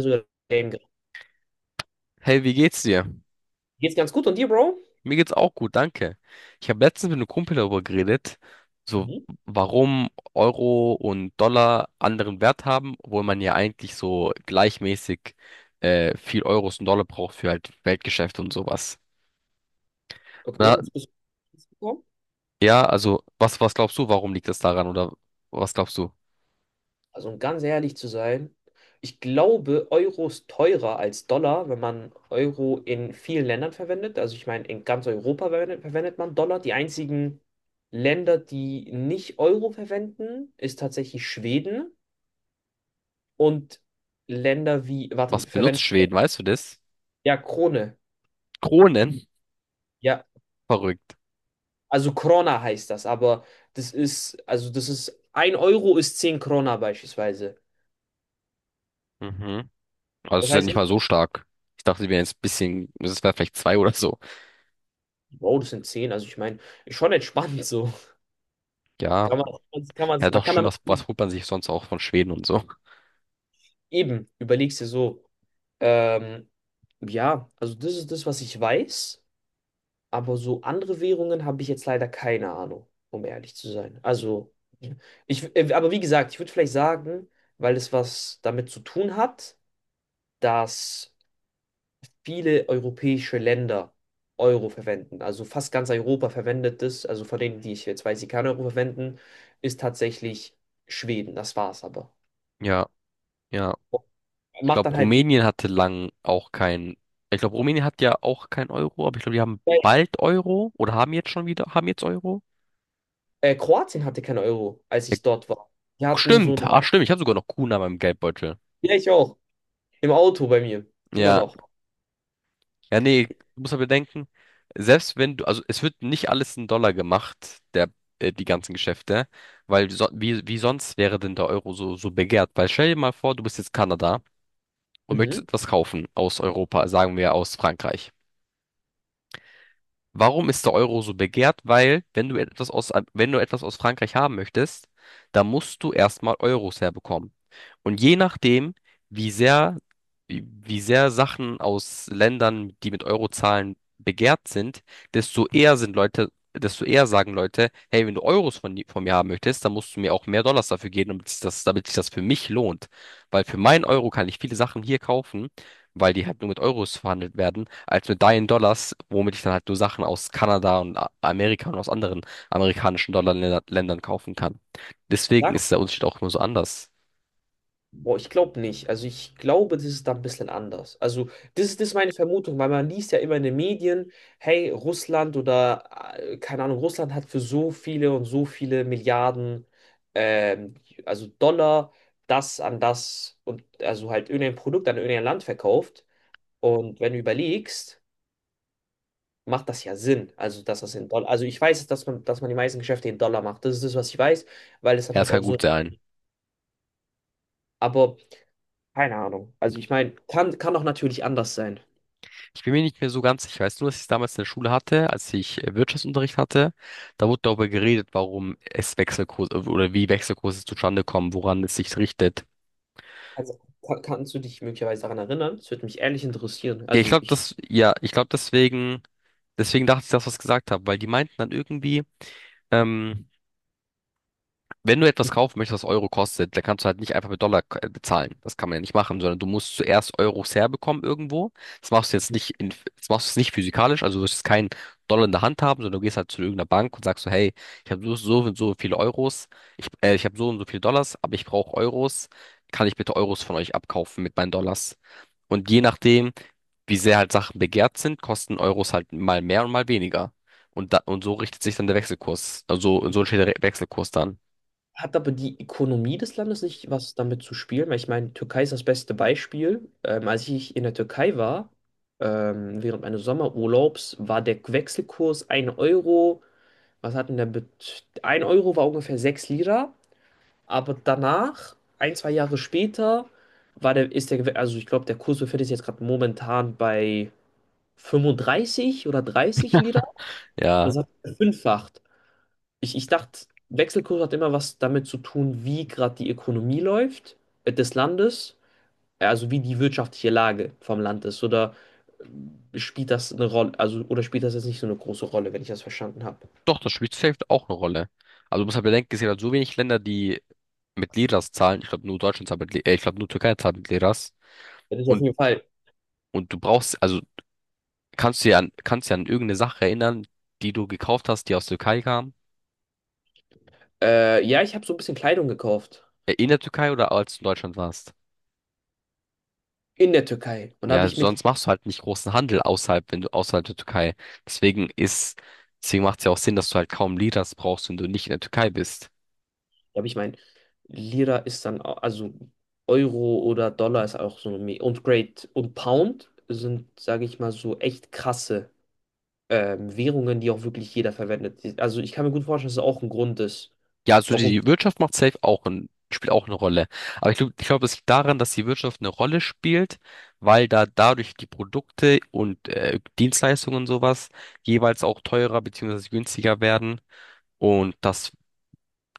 Sogar Game gerecht. Hey, wie geht's dir? Geht's ganz gut und dir, Bro? Mir geht's auch gut, danke. Ich habe letztens mit einem Kumpel darüber geredet, so Mhm. warum Euro und Dollar anderen Wert haben, obwohl man ja eigentlich so gleichmäßig viel Euros und Dollar braucht für halt Weltgeschäfte und sowas. Okay, Na, was bist du gekommen? ja, also was glaubst du, warum liegt das daran oder was glaubst du? Also, um ganz ehrlich zu sein, ich glaube, Euro ist teurer als Dollar, wenn man Euro in vielen Ländern verwendet. Also, ich meine, in ganz Europa verwendet man Dollar. Die einzigen Länder, die nicht Euro verwenden, ist tatsächlich Schweden und Länder wie, warte, Was benutzt verwenden, Schweden, weißt du das? ja, Krone. Kronen? Ja, Verrückt. also Krona heißt das, aber das ist, also das ist, ein Euro ist 10 Krona beispielsweise. Mhm. Also es Das ist ja heißt, nicht echt, mal so stark. Ich dachte, wir wären jetzt ein bisschen, es wäre vielleicht zwei oder so. Bro, das sind 10. Also ich meine, ist schon entspannt so. Ja. Kann man, kann man, Ja, man doch, kann stimmt, damit was, leben. was holt man sich sonst auch von Schweden und so? Eben, überlegst dir so, ähm, ja, also das ist das, was ich weiß, aber so andere Währungen habe ich jetzt leider keine Ahnung, um ehrlich zu sein. Also, aber wie gesagt, ich würde vielleicht sagen, weil es was damit zu tun hat, dass viele europäische Länder Euro verwenden. Also fast ganz Europa verwendet es. Also von denen, die ich jetzt weiß, die kein Euro verwenden, ist tatsächlich Schweden. Das war's aber. Ja, ja. Ich Macht glaube, dann halt so. Rumänien hatte lang auch kein. Ich glaube, Rumänien hat ja auch kein Euro, aber ich glaube, die haben bald Euro oder haben jetzt schon wieder, haben jetzt Euro? Kroatien hatte kein Euro, als Ja, ich dort war. Die hatten stimmt, so. ah, stimmt, ich habe sogar noch Kuna in meinem Geldbeutel. Ja, ich auch. Im Auto bei mir. Immer Ja, noch. ja, nee, du musst ja bedenken, selbst wenn du, also es wird nicht alles in Dollar gemacht, der, die ganzen Geschäfte, weil so, wie sonst wäre denn der Euro so, so begehrt? Weil stell dir mal vor, du bist jetzt Kanada und möchtest Mhm. etwas kaufen aus Europa, sagen wir aus Frankreich. Warum ist der Euro so begehrt? Weil, wenn du etwas aus Frankreich haben möchtest, dann musst du erstmal Euros herbekommen. Und je nachdem, wie sehr, wie sehr Sachen aus Ländern, die mit Euro zahlen, begehrt sind, desto eher sagen Leute, hey, wenn du Euros von mir haben möchtest, dann musst du mir auch mehr Dollars dafür geben, damit sich das für mich lohnt. Weil für meinen Euro kann ich viele Sachen hier kaufen, weil die halt nur mit Euros verhandelt werden als mit deinen Dollars, womit ich dann halt nur Sachen aus Kanada und A- Amerika und aus anderen amerikanischen Dollarländern kaufen kann. Deswegen Sag ist der Unterschied auch nur so anders. Boah, ich glaube nicht. Also ich glaube, das ist da ein bisschen anders. Also das ist meine Vermutung, weil man liest ja immer in den Medien, hey, Russland oder keine Ahnung, Russland hat für so viele und so viele Milliarden, ähm, also Dollar, das an das und also halt irgendein Produkt an irgendein Land verkauft. Und wenn du überlegst, macht das ja Sinn. Also dass das in Dollar, also ich weiß, dass man die meisten Geschäfte in Dollar macht. Das ist das, was ich weiß, weil es dann Ja, es halt kann auch so. gut sein. Aber keine Ahnung. Also ich meine, kann auch natürlich anders sein. Ich bin mir nicht mehr so ganz sicher. Ich weiß nur, dass ich es damals in der Schule hatte, als ich Wirtschaftsunterricht hatte. Da wurde darüber geredet, warum es Wechselkurse oder wie Wechselkurse zustande kommen, woran es sich richtet. Also, kannst du dich möglicherweise daran erinnern? Das würde mich ehrlich interessieren. Also ich, Ja, ich glaube deswegen, deswegen dachte ich, dass ich das gesagt habe, weil die meinten dann irgendwie, ähm, wenn du etwas ich kaufen möchtest, was Euro kostet, dann kannst du halt nicht einfach mit Dollar bezahlen. Das kann man ja nicht machen, sondern du musst zuerst Euros herbekommen irgendwo. Das machst du jetzt nicht in, das machst du jetzt nicht physikalisch, also du wirst jetzt keinen Dollar in der Hand haben, sondern du gehst halt zu irgendeiner Bank und sagst so, hey, ich habe so, so und so viele Euros, ich habe so und so viele Dollars, aber ich brauche Euros. Kann ich bitte Euros von euch abkaufen mit meinen Dollars? Und je nachdem, wie sehr halt Sachen begehrt sind, kosten Euros halt mal mehr und mal weniger. Und, da, und so richtet sich dann der Wechselkurs. Also so entsteht der Re- Wechselkurs dann. hat aber die Ökonomie des Landes nicht was damit zu spielen, weil ich meine, Türkei ist das beste Beispiel. Als ich in der Türkei war, während meines Sommerurlaubs, war der Wechselkurs ein Euro, was hat denn der Bet 1 Euro war ungefähr 6 Lira, aber danach, ein, zwei Jahre später, war der, ist der, Gew- also ich glaube, der Kurs befindet sich jetzt gerade momentan bei 35 oder 30 Lira. Das Ja, hat verfünffacht. Ich dachte, Wechselkurs hat immer was damit zu tun, wie gerade die Ökonomie läuft, des Landes, also wie die wirtschaftliche Lage vom Land ist. Oder spielt das eine Rolle, also oder spielt das jetzt nicht so eine große Rolle, wenn ich das verstanden habe? doch, das spielt safe auch eine Rolle. Also du musst halt bedenken, es gibt halt so wenig Länder, die mit Liras zahlen. Ich glaube, nur Deutschland zahlt mit, ich glaube, nur Türkei zahlt mit Liras. Das ist auf Und, jeden Fall. und du brauchst, also kannst du ja an irgendeine Sache erinnern, die du gekauft hast, die aus Türkei kam. Ja, ich habe so ein bisschen Kleidung gekauft In der Türkei oder als du in Deutschland warst. in der Türkei. Und da habe Ja, ich mit. sonst machst du halt nicht großen Handel außerhalb, wenn du außerhalb der Türkei. Deswegen ist, deswegen macht es ja auch Sinn, dass du halt kaum Liras brauchst, wenn du nicht in der Türkei bist. Ja, aber ich meine, Lira ist dann, also Euro oder Dollar ist auch so eine, und Great und Pound sind, sage ich mal, so echt krasse Währungen, die auch wirklich jeder verwendet. Also ich kann mir gut vorstellen, dass es auch ein Grund ist, Ja, also warum. die Wirtschaft macht safe auch ein, spielt auch eine Rolle. Aber ich glaub, das liegt daran, dass die Wirtschaft eine Rolle spielt, weil da dadurch die Produkte und Dienstleistungen und sowas jeweils auch teurer beziehungsweise günstiger werden. Und das,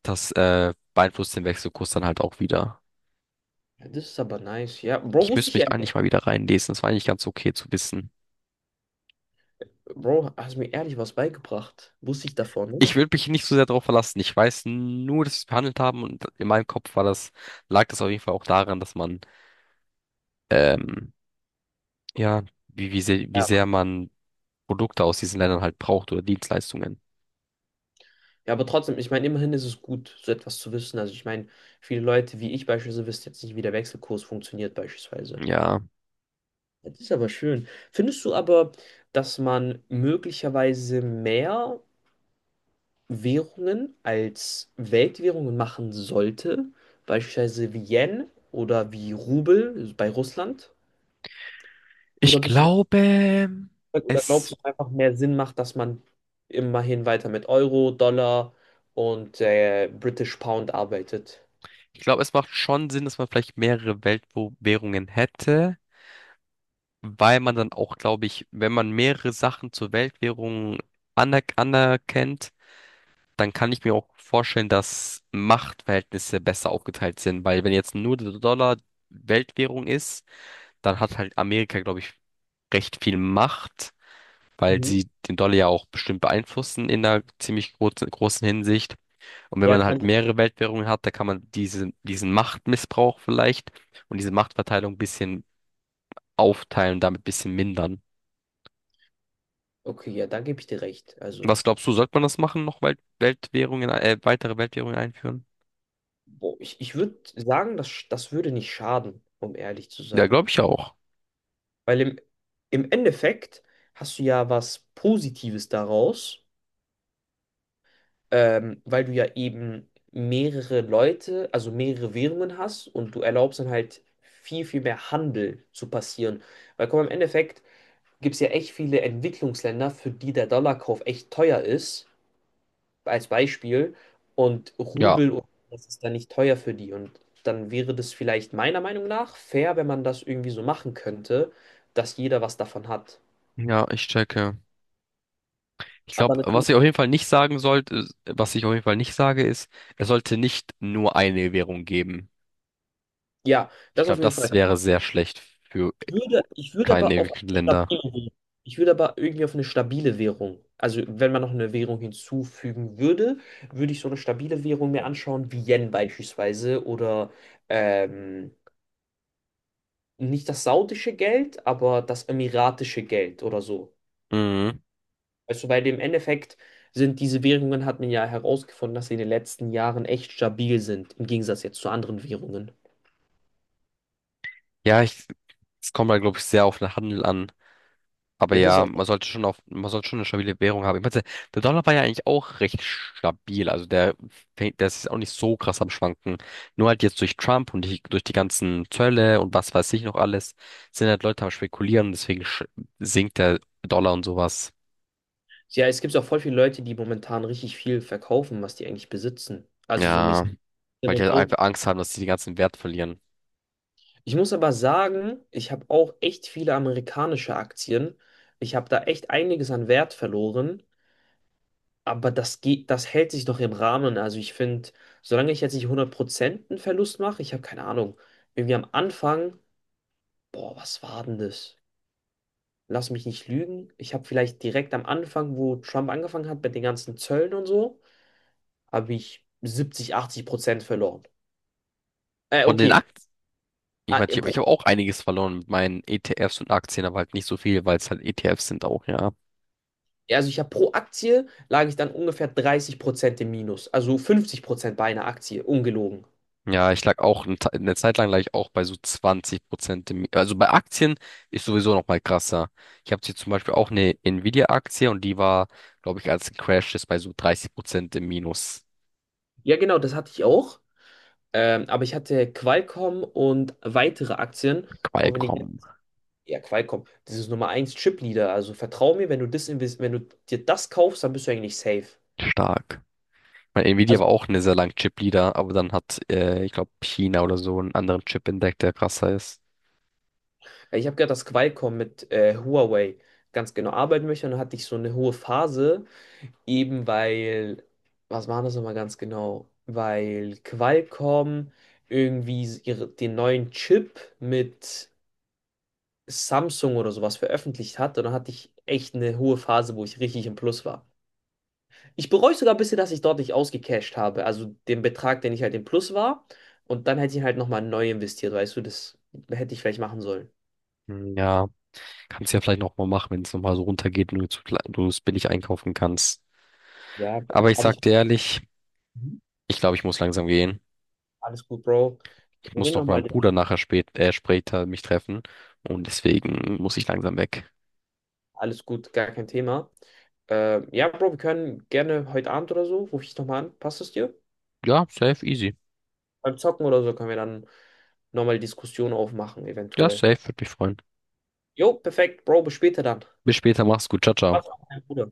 das beeinflusst den Wechselkurs dann halt auch wieder. Ja, das ist aber nice, ja. Bro, Ich wusste müsste ich mich ehrlich. eigentlich mal wieder reinlesen. Das war eigentlich ganz okay zu wissen. Bro, hast mir ehrlich was beigebracht. Wusste ich davon nicht? Ich würde mich nicht so sehr darauf verlassen. Ich weiß nur, dass wir es behandelt haben und in meinem Kopf war das, lag das auf jeden Fall auch daran, dass man ähm, ja, wie Ja. sehr man Produkte aus diesen Ländern halt braucht oder Dienstleistungen. Ja, aber trotzdem, ich meine, immerhin ist es gut, so etwas zu wissen. Also ich meine, viele Leute wie ich beispielsweise wissen jetzt nicht, wie der Wechselkurs funktioniert beispielsweise. Ja, Das ist aber schön. Findest du aber, dass man möglicherweise mehr Währungen als Weltwährungen machen sollte? Beispielsweise wie Yen oder wie Rubel bei Russland? Oder ich bist du glaube, da, oder glaubst es, du, dass es einfach mehr Sinn macht, dass man immerhin weiter mit Euro, Dollar und British Pound arbeitet? ich glaube, es macht schon Sinn, dass man vielleicht mehrere Weltwährungen hätte, weil man dann auch, glaube ich, wenn man mehrere Sachen zur Weltwährung anerkennt, dann kann ich mir auch vorstellen, dass Machtverhältnisse besser aufgeteilt sind, weil wenn jetzt nur der Dollar Weltwährung ist, dann hat halt Amerika, glaube ich, recht viel Macht, weil Mhm. sie den Dollar ja auch bestimmt beeinflussen in einer ziemlich großen Hinsicht. Und wenn Ja, man das kann halt ich. mehrere Weltwährungen hat, da kann man diesen Machtmissbrauch vielleicht und diese Machtverteilung ein bisschen aufteilen, damit ein bisschen mindern. Okay, ja, da gebe ich dir recht. Also, Was glaubst du, sollte man das machen, noch Weltwährungen, weitere Weltwährungen einführen? boah, ich würde sagen, das würde nicht schaden, um ehrlich zu Ja, sein. glaube ich auch. Weil im Endeffekt hast du ja was Positives daraus, weil du ja eben mehrere Leute, also mehrere Währungen hast und du erlaubst dann halt viel, viel mehr Handel zu passieren. Weil komm, im Endeffekt gibt es ja echt viele Entwicklungsländer, für die der Dollarkauf echt teuer ist, als Beispiel, und Ja, Rubel und das ist dann nicht teuer für die. Und dann wäre das vielleicht meiner Meinung nach fair, wenn man das irgendwie so machen könnte, dass jeder was davon hat. ja, ich checke. Ich Aber glaube, natürlich. was ich auf jeden Fall nicht sagen sollte, was ich auf jeden Fall nicht sage, ist, es sollte nicht nur eine Währung geben. Ja, Ich das auf glaube, jeden Fall. das wäre sehr schlecht für Ich würde aber kleine auf eine stabile Länder. Währung. Ich würde aber irgendwie auf eine stabile Währung. Also wenn man noch eine Währung hinzufügen würde, würde ich so eine stabile Währung mir anschauen, wie Yen beispielsweise oder ähm, nicht das saudische Geld, aber das emiratische Geld oder so. Mhm. Also bei dem Endeffekt sind diese Währungen, hat man ja herausgefunden, dass sie in den letzten Jahren echt stabil sind, im Gegensatz jetzt zu anderen Währungen. Ja, ich, es kommt halt, glaube ich, sehr auf den Handel an. Aber Ja, das ja, auch. Man sollte schon eine stabile Währung haben. Ich meine, der Dollar war ja eigentlich auch recht stabil. Der ist jetzt auch nicht so krass am Schwanken. Nur halt jetzt durch Trump und die, durch die ganzen Zölle und was weiß ich noch alles, sind halt Leute am Spekulieren. Deswegen sinkt der Dollar und sowas. Ja, es gibt auch voll viele Leute, die momentan richtig viel verkaufen, was die eigentlich besitzen. Also so mäßig Ja, weil die und halt so. einfach Angst haben, dass sie den ganzen Wert verlieren. Ich muss aber sagen, ich habe auch echt viele amerikanische Aktien. Ich habe da echt einiges an Wert verloren, aber das geht, das hält sich noch im Rahmen. Also ich finde, solange ich jetzt nicht 100% einen Verlust mache, ich habe keine Ahnung. Irgendwie am Anfang, boah, was war denn das? Lass mich nicht lügen. Ich habe vielleicht direkt am Anfang, wo Trump angefangen hat mit den ganzen Zöllen und so, habe ich 70, 80% verloren. Äh, Von den okay. Aktien. Ich Ah, meine, ich äh, habe ich Pro, hab auch einiges verloren mit meinen ETFs und Aktien, aber halt nicht so viel, weil es halt ETFs sind auch, ja. also ich habe pro Aktie lag ich dann ungefähr 30% im Minus. Also 50% bei einer Aktie, ungelogen. Ja, ich lag auch eine Zeit lang lag ich auch bei so 20%. Also bei Aktien ist sowieso noch mal krasser. Ich habe hier zum Beispiel auch eine Nvidia-Aktie und die war, glaube ich, als Crash ist bei so 30% im Minus. Ja, genau, das hatte ich auch. Aber ich hatte Qualcomm und weitere Aktien. Und wenn ich, Qualcomm ja, Qualcomm, das ist Nummer eins Chipleader. Also vertrau mir, wenn du dir das kaufst, dann bist du eigentlich safe. stark. Mein Nvidia Also war auch eine sehr lange Chip-Leader, aber dann hat, ich glaube, China oder so einen anderen Chip entdeckt, der krasser ist. ich habe gehört, dass Qualcomm mit Huawei ganz genau arbeiten möchte. Und dann hatte ich so eine hohe Phase, eben weil, was waren das nochmal ganz genau? Weil Qualcomm irgendwie den neuen Chip mit Samsung oder sowas veröffentlicht hat. Und dann hatte ich echt eine hohe Phase, wo ich richtig im Plus war. Ich bereue sogar ein bisschen, dass ich dort nicht ausgecashed habe. Also den Betrag, den ich halt im Plus war. Und dann hätte ich halt nochmal neu investiert, weißt du, das hätte ich vielleicht machen sollen. Ja. Kannst ja vielleicht noch mal machen, wenn es noch mal so runtergeht und du zu du es billig einkaufen kannst. Ja, Aber ich aber ich. sag dir ehrlich, Mhm. ich glaube, ich muss langsam gehen. Alles gut, Bro. Ich Wir muss reden noch mit nochmal. meinem Bruder später mich treffen und deswegen muss ich langsam weg. Alles gut, gar kein Thema. Ja, Bro, wir können gerne heute Abend oder so, rufe ich dich nochmal an. Passt es dir? Ja, safe, easy. Beim Zocken oder so können wir dann nochmal Diskussion aufmachen, Ja, eventuell. safe, würde mich freuen. Jo, perfekt, Bro, bis später dann. Bis später, mach's gut, ciao, ciao. Pass auf, mein Bruder.